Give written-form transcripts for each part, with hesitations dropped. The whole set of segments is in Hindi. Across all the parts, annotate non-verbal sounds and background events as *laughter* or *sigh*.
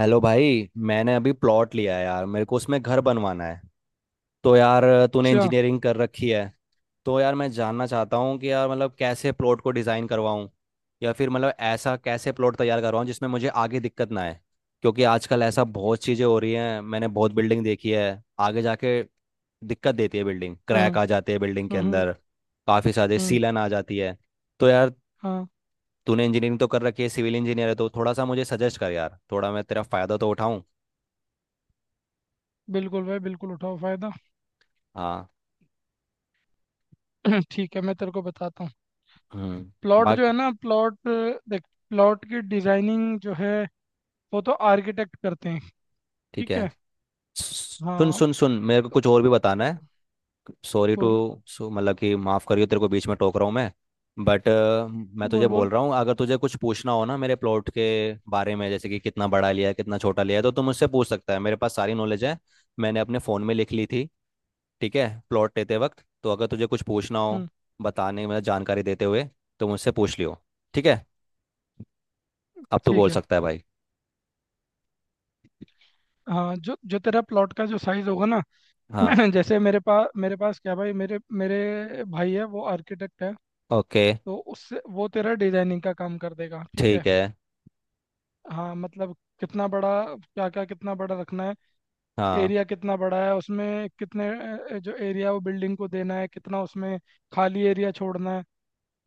हेलो भाई, मैंने अभी प्लॉट लिया है यार। मेरे को उसमें घर बनवाना है तो यार तूने अच्छा। इंजीनियरिंग कर रखी है। तो यार मैं जानना चाहता हूँ कि यार मतलब कैसे प्लॉट को डिज़ाइन करवाऊँ या फिर मतलब ऐसा कैसे प्लॉट तैयार करवाऊँ जिसमें मुझे आगे दिक्कत ना आए। क्योंकि आजकल ऐसा बहुत चीज़ें हो रही हैं, मैंने बहुत बिल्डिंग देखी है आगे जाके दिक्कत देती है, बिल्डिंग क्रैक हम्म। आ जाते हैं बिल्डिंग के हम्म। अंदर, काफ़ी सारे हम्म। सीलन आ जाती है। तो यार हाँ, तूने इंजीनियरिंग तो कर रखी है, सिविल इंजीनियर है, तो थोड़ा सा मुझे सजेस्ट कर यार, थोड़ा मैं तेरा फ़ायदा तो उठाऊँ। बिल्कुल भाई, बिल्कुल उठाओ फायदा। हाँ। *clears throat* ठीक है, मैं तेरे को बताता हूँ। हम्म। प्लॉट जो बाकी है ना, प्लॉट, देख, प्लॉट की डिजाइनिंग जो है वो तो आर्किटेक्ट करते हैं। ठीक ठीक है। है। सुन हाँ, सुन सुन, मेरे को कुछ और भी बताना है। सॉरी टू। बोल सो मतलब कि माफ़ करियो, तेरे को बीच में टोक रहा हूँ मैं, बट मैं तुझे बोल बोल। बोल रहा हूँ अगर तुझे कुछ पूछना हो ना मेरे प्लॉट के बारे में, जैसे कि कितना बड़ा लिया है, कितना छोटा लिया है, तो तू मुझसे पूछ सकता है, मेरे पास सारी नॉलेज है। मैंने अपने फ़ोन में लिख ली थी ठीक है, प्लॉट लेते वक्त। तो अगर तुझे कुछ पूछना हो हम्म। बताने, मतलब जानकारी देते हुए, तो मुझसे पूछ लियो ठीक है। अब तू ठीक बोल है। सकता है भाई। हाँ, जो जो तेरा प्लॉट का जो साइज होगा ना, हाँ। *clears throat* जैसे मेरे पास क्या भाई, मेरे मेरे भाई है वो आर्किटेक्ट है, ओके। तो उससे वो तेरा डिजाइनिंग का काम कर देगा। ठीक है। ठीक है। हाँ मतलब, कितना बड़ा, क्या क्या कितना बड़ा रखना है, हाँ, एरिया कितना बड़ा है, उसमें कितने जो एरिया वो बिल्डिंग को देना है, कितना उसमें खाली एरिया छोड़ना है।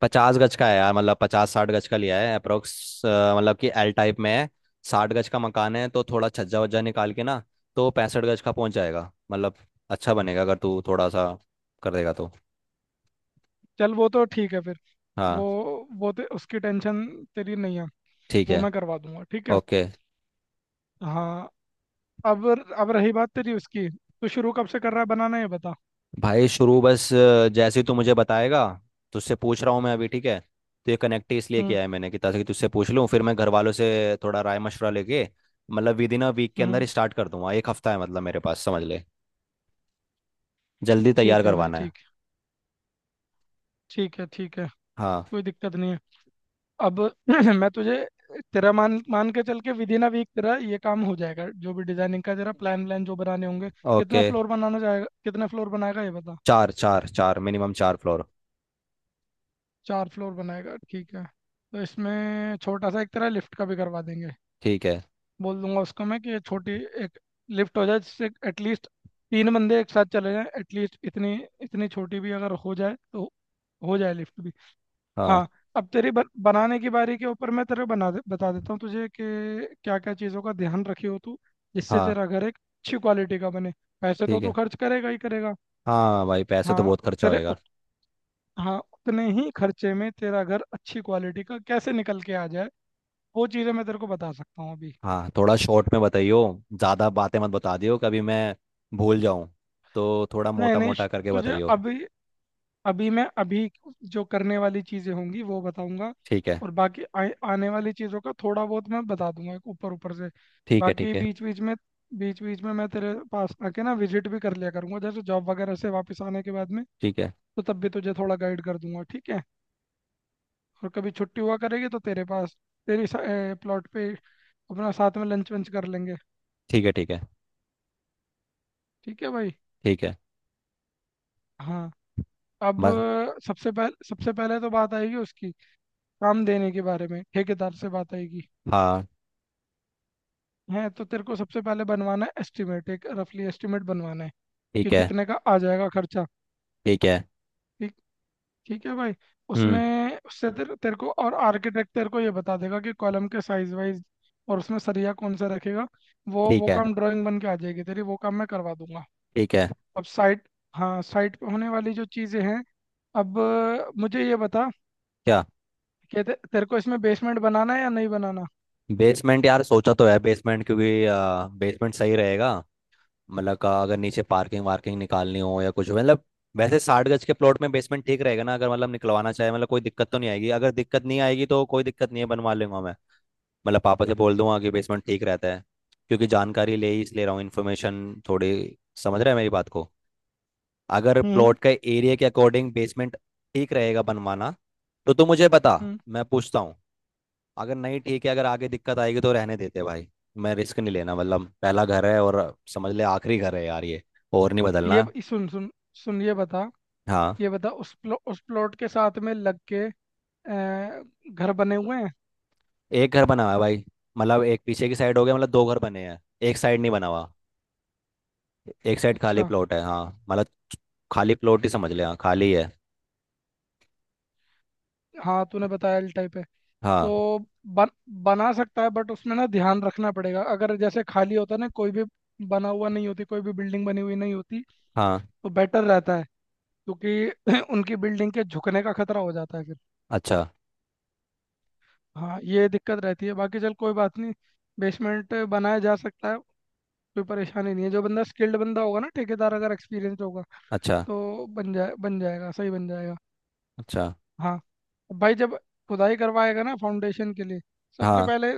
50 गज का है यार। मतलब 50-60 गज का लिया है अप्रोक्स, मतलब कि एल टाइप में है। साठ गज का मकान है, तो थोड़ा छज्जा वज्जा निकाल के ना, तो 65 गज का पहुंच जाएगा मतलब। अच्छा बनेगा अगर तू थोड़ा सा कर देगा तो। चल वो तो ठीक है फिर। वो हाँ। उसकी टेंशन तेरी नहीं है, ठीक वो है। मैं करवा दूंगा। ठीक है। ओके। हाँ। अब अब रही बात तेरी उसकी, तो शुरू कब से कर रहा है बनाना ये बता। भाई शुरू बस जैसे ही तू मुझे बताएगा, तुझसे पूछ रहा हूँ मैं अभी ठीक है। तो ये कनेक्ट ही इसलिए हम्म। किया है मैंने कि ताकि तुझसे पूछ लूँ, फिर मैं घर वालों से थोड़ा राय मशवरा लेके। मतलब विद इन अ वीक के अंदर हम्म। स्टार्ट कर दूंगा, एक हफ्ता है मतलब मेरे पास समझ ले, जल्दी तैयार ठीक है भाई, करवाना है। ठीक, ठीक है, ठीक है, हाँ। कोई दिक्कत नहीं है। अब *clears throat* मैं तुझे, तेरा, मान मान के चल के विद इन अ वीक तेरा ये काम हो जाएगा, जो भी डिजाइनिंग का तेरा प्लान व्लान जो बनाने होंगे। कितने ओके। फ्लोर बनाना चाहेगा, कितने फ्लोर बनाएगा ये बता। चार चार चार मिनिमम, चार फ्लोर। 4 फ्लोर बनाएगा, ठीक है, तो इसमें छोटा सा एक तेरा लिफ्ट का भी करवा देंगे। ठीक है। बोल दूंगा उसको मैं कि ये छोटी एक लिफ्ट हो जाए, जिससे एटलीस्ट 3 बंदे एक साथ चले जाएं, एटलीस्ट इतनी इतनी छोटी भी अगर हो जाए तो हो जाए लिफ्ट भी। हाँ। हाँ। अब तेरी बनाने की बारी के ऊपर मैं बता देता हूँ तुझे कि क्या क्या चीज़ों का ध्यान रखी हो तू, जिससे हाँ। तेरा घर एक अच्छी क्वालिटी का बने। पैसे तो ठीक तू है। खर्च करेगा ही करेगा। हाँ भाई, पैसे तो हाँ, बहुत खर्चा तेरे होएगा। उत, हाँ, उतने ही खर्चे में तेरा घर अच्छी क्वालिटी का कैसे निकल के आ जाए, वो चीज़ें मैं तेरे को बता सकता हूँ अभी। हाँ, थोड़ा शॉर्ट में बताइयो, ज़्यादा बातें मत बता दियो, कभी मैं भूल जाऊँ, तो थोड़ा नहीं मोटा नहीं मोटा करके तुझे बताइयो। अभी अभी मैं अभी जो करने वाली चीजें होंगी वो बताऊंगा। ठीक है। और बाकी आने वाली चीजों का थोड़ा बहुत मैं बता दूंगा ऊपर ऊपर से। ठीक है। ठीक बाकी है। बीच बीच में, बीच बीच में मैं तेरे पास आके ना विजिट भी कर लिया करूंगा, जैसे जॉब वगैरह से वापस आने के बाद में, ठीक है। तो तब भी तुझे थोड़ा गाइड कर दूंगा। ठीक है। और कभी छुट्टी हुआ करेगी तो तेरे पास, तेरी प्लॉट पे अपना साथ में लंच वंच कर लेंगे। ठीक है। ठीक है। ठीक है भाई। ठीक है। हाँ। अब बस। सबसे पहले, सबसे पहले तो बात आएगी उसकी, काम देने के बारे में ठेकेदार से बात आएगी हाँ। है। तो तेरे को सबसे पहले बनवाना है एस्टिमेट, एक रफली एस्टिमेट बनवाना है कि ठीक है। कितने का आ जाएगा खर्चा। ठीक है। ठीक, ठीक है भाई। हम्म। उसमें उससे तेरे तेरे को और आर्किटेक्ट तेरे को ये बता देगा कि कॉलम के साइज वाइज और उसमें सरिया कौन सा रखेगा। वो ठीक वो है। काम ड्राइंग बन के आ जाएगी तेरी, वो काम मैं करवा दूंगा। ठीक है। अब साइट, हाँ, साइट पे होने वाली जो चीज़ें हैं, अब मुझे ये बता क्या? कि तेरे को इसमें बेसमेंट बनाना है या नहीं बनाना। बेसमेंट यार सोचा तो है, बेसमेंट क्योंकि बेसमेंट सही रहेगा, मतलब का अगर नीचे पार्किंग वार्किंग निकालनी हो या कुछ हो मतलब। वैसे 60 गज के प्लॉट में बेसमेंट ठीक रहेगा ना? अगर मतलब निकलवाना चाहे, मतलब कोई दिक्कत तो नहीं आएगी? अगर दिक्कत नहीं आएगी तो कोई दिक्कत नहीं है, बनवा लूंगा मैं, मतलब पापा से बोल दूंगा कि बेसमेंट ठीक रहता है। क्योंकि जानकारी ले ही इसलिए रहा हूँ, इन्फॉर्मेशन थोड़ी। समझ रहे हैं मेरी बात को? अगर हम्म। प्लॉट का एरिया के अकॉर्डिंग बेसमेंट ठीक रहेगा बनवाना तो तू मुझे बता, हम्म। मैं पूछता हूँ। अगर नहीं ठीक है, अगर आगे दिक्कत आएगी तो रहने देते भाई, मैं रिस्क नहीं लेना। मतलब पहला घर है, और समझ ले आखिरी घर है यार ये, और नहीं बदलना। सुन सुन सुन, ये बता, हाँ। ये बता उस उस प्लॉट के साथ में लग के अ, घर बने हुए हैं? एक घर बना हुआ है भाई, मतलब एक पीछे की साइड हो गया, मतलब दो घर बने हैं, एक साइड नहीं बना हुआ, एक साइड खाली अच्छा। प्लॉट है, हाँ, मतलब खाली प्लॉट ही समझ ले, हाँ खाली है। हाँ, तूने बताया एल टाइप है, हाँ। तो बन बना सकता है, बट उसमें ना ध्यान रखना पड़ेगा। अगर जैसे खाली होता ना, कोई भी बना हुआ नहीं होती, कोई भी बिल्डिंग बनी हुई नहीं होती, हाँ। तो बेटर रहता है, क्योंकि *clears throat* उनकी बिल्डिंग के झुकने का खतरा हो जाता है फिर। अच्छा। हाँ, ये दिक्कत रहती है। बाकी चल, कोई बात नहीं, बेसमेंट बनाया जा सकता है, कोई परेशानी नहीं है। जो बंदा स्किल्ड बंदा होगा ना ठेकेदार, अगर एक्सपीरियंस होगा, अच्छा। तो बन जाएगा, सही बन जाएगा। अच्छा। हाँ भाई, जब खुदाई करवाएगा ना फाउंडेशन के लिए, सबसे हाँ। पहले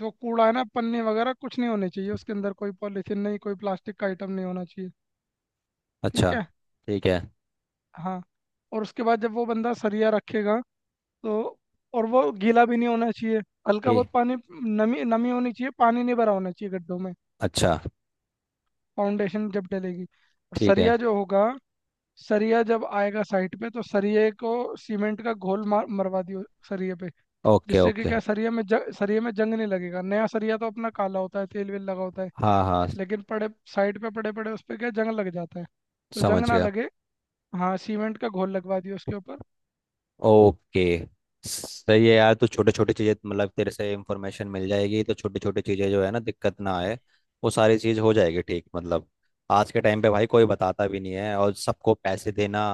जो कूड़ा है ना, पन्नी वगैरह कुछ नहीं होने चाहिए उसके अंदर, कोई पॉलीथीन नहीं, कोई प्लास्टिक का आइटम नहीं होना चाहिए। ठीक अच्छा। है। ठीक है। हाँ, और उसके बाद जब वो बंदा सरिया रखेगा तो, और वो गीला भी नहीं होना चाहिए, हल्का ठीक। बहुत पानी, नमी नमी होनी चाहिए, पानी नहीं भरा होना चाहिए गड्ढों में। अच्छा। फाउंडेशन जब डलेगी और ठीक है। सरिया जो होगा, सरिया जब आएगा साइट पे, तो सरिये को सीमेंट का घोल मार मरवा दियो सरिये पे, ओके। जिससे कि ओके। क्या, सरिया में जंग नहीं लगेगा। नया सरिया तो अपना काला होता है, तेल वेल लगा होता है, हाँ। हाँ। लेकिन पड़े साइड पे पड़े पड़े उस पे क्या जंग लग जाता है, तो जंग समझ ना गया। लगे। हाँ, सीमेंट का घोल लगवा दिया उसके ऊपर। ओके। सही है यार, तो छोटे छोटे चीजें, मतलब तेरे से इंफॉर्मेशन मिल जाएगी तो छोटी छोटी चीजें जो है ना, दिक्कत ना आए, वो सारी चीज हो जाएगी ठीक मतलब। आज के टाइम पे भाई कोई बताता भी नहीं है और सबको पैसे देना।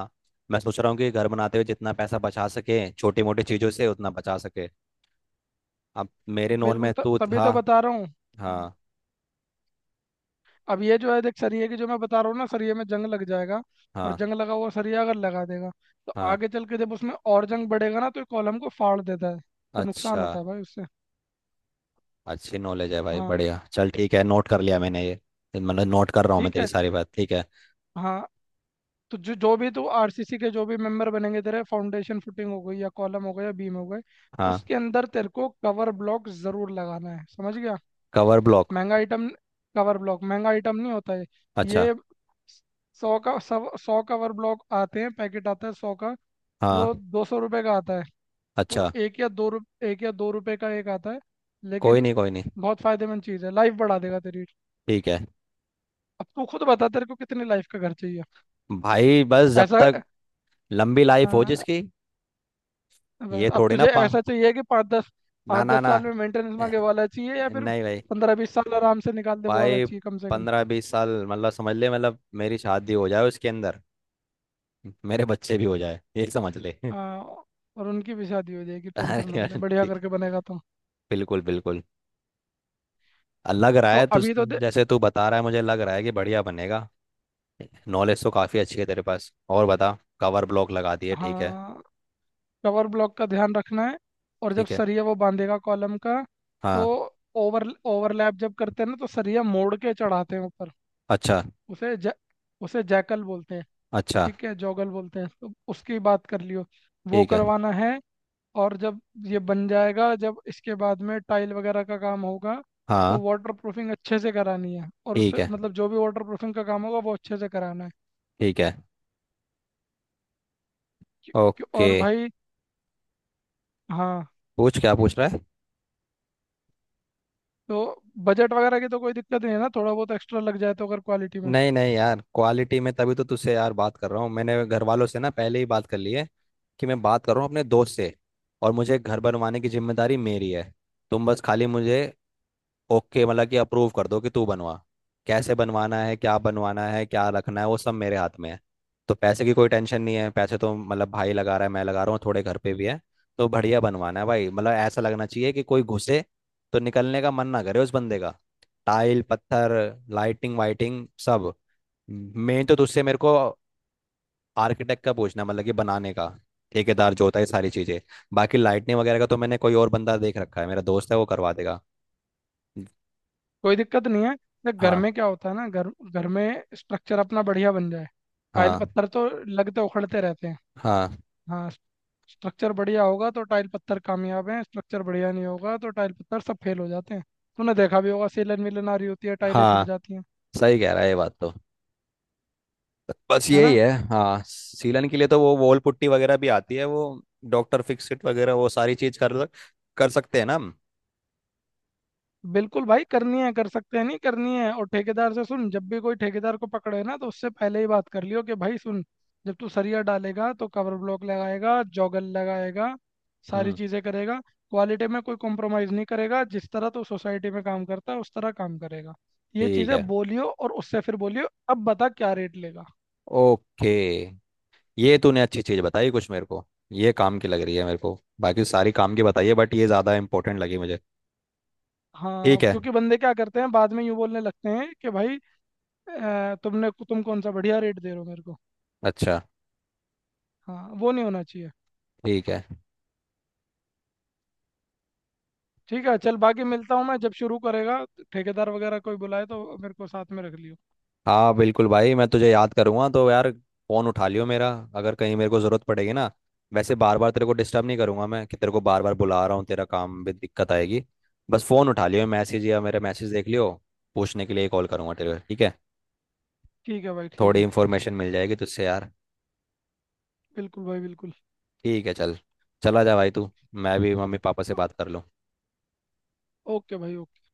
मैं सोच रहा हूँ कि घर बनाते हुए जितना पैसा बचा सके छोटी मोटी चीजों से उतना बचा सके। अब मेरे नोन बिल्कुल, में तू तभी था। तो बता रहा हूँ। हाँ। अब ये जो है देख, सरिया की जो मैं बता रहा हूँ ना, सरिया में जंग लग जाएगा, और हाँ। जंग लगा हुआ सरिया अगर लगा देगा, तो हाँ। आगे चल के जब उसमें और जंग बढ़ेगा ना, तो ये कॉलम को फाड़ देता है, तो नुकसान अच्छा, होता है भाई उससे। अच्छी नॉलेज है भाई, हाँ। बढ़िया चल ठीक है, नोट कर लिया मैंने ये, मतलब नोट कर रहा हूँ मैं ठीक तेरी है। सारी बात ठीक है। हाँ। तो जो जो भी तू RCC के जो भी मेंबर बनेंगे तेरे, फाउंडेशन फुटिंग हो गई, या कॉलम हो गया, या बीम हो गए, हाँ। उसके अंदर तेरे को कवर ब्लॉक जरूर लगाना है, समझ गया। Cover block? महंगा आइटम, कवर ब्लॉक महंगा आइटम नहीं होता है अच्छा। ये। 100 का, 100-100 कवर ब्लॉक आते हैं, पैकेट आता है 100 का, वो हाँ। 200 रुपये का आता है। तो अच्छा। एक या दो रुप एक या 2 रुपये का एक आता है, कोई लेकिन नहीं कोई नहीं। बहुत फायदेमंद चीज़ है, लाइफ बढ़ा देगा तेरी। ठीक है अब तू खुद बता तेरे को कितनी लाइफ का घर चाहिए? भाई, बस जब ऐसा, तक लंबी लाइफ हो हाँ, जिसकी। ये अब थोड़ी ना तुझे पा। ऐसा चाहिए कि 5 10, ना पाँच ना दस ना साल में मेंटेनेंस ए, मांगे वाला चाहिए, या फिर नहीं भाई 15 20 साल आराम से निकाल दे वो वाला भाई चाहिए कम से कम? 15-20 साल मतलब समझ ले, मतलब मेरी शादी हो जाए उसके अंदर, मेरे बच्चे भी हो जाए ये समझ ले। *laughs* आ, और उनकी भी शादी हो जाएगी, अरे टेंशन मत यार, ले, बढ़िया ठीक, करके बनेगा तो। बिल्कुल बिल्कुल। लग रहा तो है तू, अभी तो दे। जैसे तू बता रहा है मुझे लग रहा है कि बढ़िया बनेगा। नॉलेज तो काफ़ी अच्छी है तेरे पास। और बता, कवर ब्लॉक लगा दिए ठीक है। हाँ, कवर ब्लॉक का ध्यान रखना है। और जब ठीक है। सरिया वो बांधेगा कॉलम का, तो हाँ। ओवर ओवरलैप जब करते हैं ना, तो सरिया मोड़ के चढ़ाते हैं ऊपर। अच्छा। उसे जै, उसे जैकल बोलते हैं, अच्छा। ठीक है, जॉगल बोलते हैं, तो उसकी बात कर लियो, वो ठीक है। करवाना है। और जब ये बन जाएगा, जब इसके बाद में टाइल वगैरह का काम होगा, तो हाँ। वाटर प्रूफिंग अच्छे से करानी है, और ठीक उससे है। मतलब जो भी वाटर प्रूफिंग का काम होगा वो अच्छे से कराना है। ठीक है। क्यों- क्यों- ओके। और भाई, हाँ, पूछ, क्या पूछ रहा है? तो बजट वगैरह की तो कोई दिक्कत नहीं है ना, थोड़ा बहुत एक्स्ट्रा लग जाए तो अगर क्वालिटी में, नहीं नहीं यार, क्वालिटी में तभी तो तुझसे यार बात कर रहा हूँ। मैंने घर वालों से ना पहले ही बात कर ली है कि मैं बात कर रहा हूँ अपने दोस्त से, और मुझे घर बनवाने की जिम्मेदारी मेरी है, तुम बस खाली मुझे ओके मतलब कि अप्रूव कर दो कि तू बनवा। कैसे बनवाना है, क्या बनवाना है, क्या रखना है, वो सब मेरे हाथ में है। तो पैसे की कोई टेंशन नहीं है, पैसे तो मतलब भाई लगा रहा है, मैं लगा रहा हूँ, थोड़े घर पे भी है। तो बढ़िया बनवाना है भाई, मतलब ऐसा लगना चाहिए कि कोई घुसे तो निकलने का मन ना करे उस बंदे का। टाइल, पत्थर, लाइटिंग वाइटिंग सब। मेन तो तुझसे मेरे को आर्किटेक्ट का पूछना है, मतलब कि बनाने का, ठेकेदार जो होता है, ये सारी चीजें। बाकी लाइटनिंग वगैरह का तो मैंने कोई और बंदा देख रखा है, मेरा दोस्त है वो करवा देगा। कोई दिक्कत नहीं है। देख घर हाँ। में क्या होता है ना, घर घर में स्ट्रक्चर अपना बढ़िया बन जाए, टाइल हाँ। पत्थर तो लगते उखड़ते रहते हैं। हाँ। हाँ, स्ट्रक्चर बढ़िया होगा तो टाइल पत्थर कामयाब हैं, स्ट्रक्चर बढ़िया नहीं होगा तो टाइल पत्थर सब फेल हो जाते हैं। तूने देखा भी होगा, सेलन वेलन आ रही होती है, टाइलें छूट हाँ, जाती हैं, सही कह रहा है ये बात तो। बस है यही ना। है, हाँ, सीलन के लिए तो वो वॉल पुट्टी वगैरह भी आती है, वो डॉक्टर फिक्सिट वगैरह वो सारी चीज कर कर सकते हैं ना हम? बिल्कुल भाई करनी है, कर सकते हैं, नहीं करनी है, और ठेकेदार से सुन, जब भी कोई ठेकेदार को पकड़े ना तो उससे पहले ही बात कर लियो कि भाई सुन, जब तू सरिया डालेगा तो कवर ब्लॉक लगाएगा, जोगल लगाएगा, सारी हम्म। चीज़ें करेगा, क्वालिटी में कोई कॉम्प्रोमाइज़ नहीं करेगा, जिस तरह तू सोसाइटी में काम करता है उस तरह काम करेगा। ये ठीक चीज़ें है। बोलियो, और उससे फिर बोलियो अब बता क्या रेट लेगा। ओके। ये तूने अच्छी चीज बताई कुछ मेरे को, ये काम की लग रही है मेरे को। बाकी सारी काम की बताइए बट ये ज्यादा इंपॉर्टेंट लगी मुझे। हाँ, ठीक है। क्योंकि बंदे क्या करते हैं बाद में यूँ बोलने लगते हैं कि भाई तुम कौन सा बढ़िया रेट दे रहे हो मेरे को। अच्छा। हाँ, वो नहीं होना चाहिए। ठीक है। ठीक है, चल, बाकी मिलता हूँ मैं जब शुरू करेगा, ठेकेदार वगैरह कोई बुलाए तो मेरे को साथ में रख लियो। हाँ बिल्कुल भाई, मैं तुझे याद करूंगा तो यार फोन उठा लियो मेरा, अगर कहीं मेरे को जरूरत पड़ेगी ना। वैसे बार बार तेरे को डिस्टर्ब नहीं करूंगा मैं कि तेरे को बार बार बुला रहा हूँ, तेरा काम भी दिक्कत आएगी। बस फोन उठा लियो, मैसेज या मेरा मैसेज देख लियो, पूछने के लिए कॉल करूंगा तेरे को ठीक है। ठीक है भाई, ठीक थोड़ी है। इन्फॉर्मेशन मिल जाएगी तुझसे यार। बिल्कुल भाई बिल्कुल। ठीक है चल, चला जा भाई तू, मैं भी मम्मी पापा से ओ- बात कर लूँ। ओके भाई, ओके।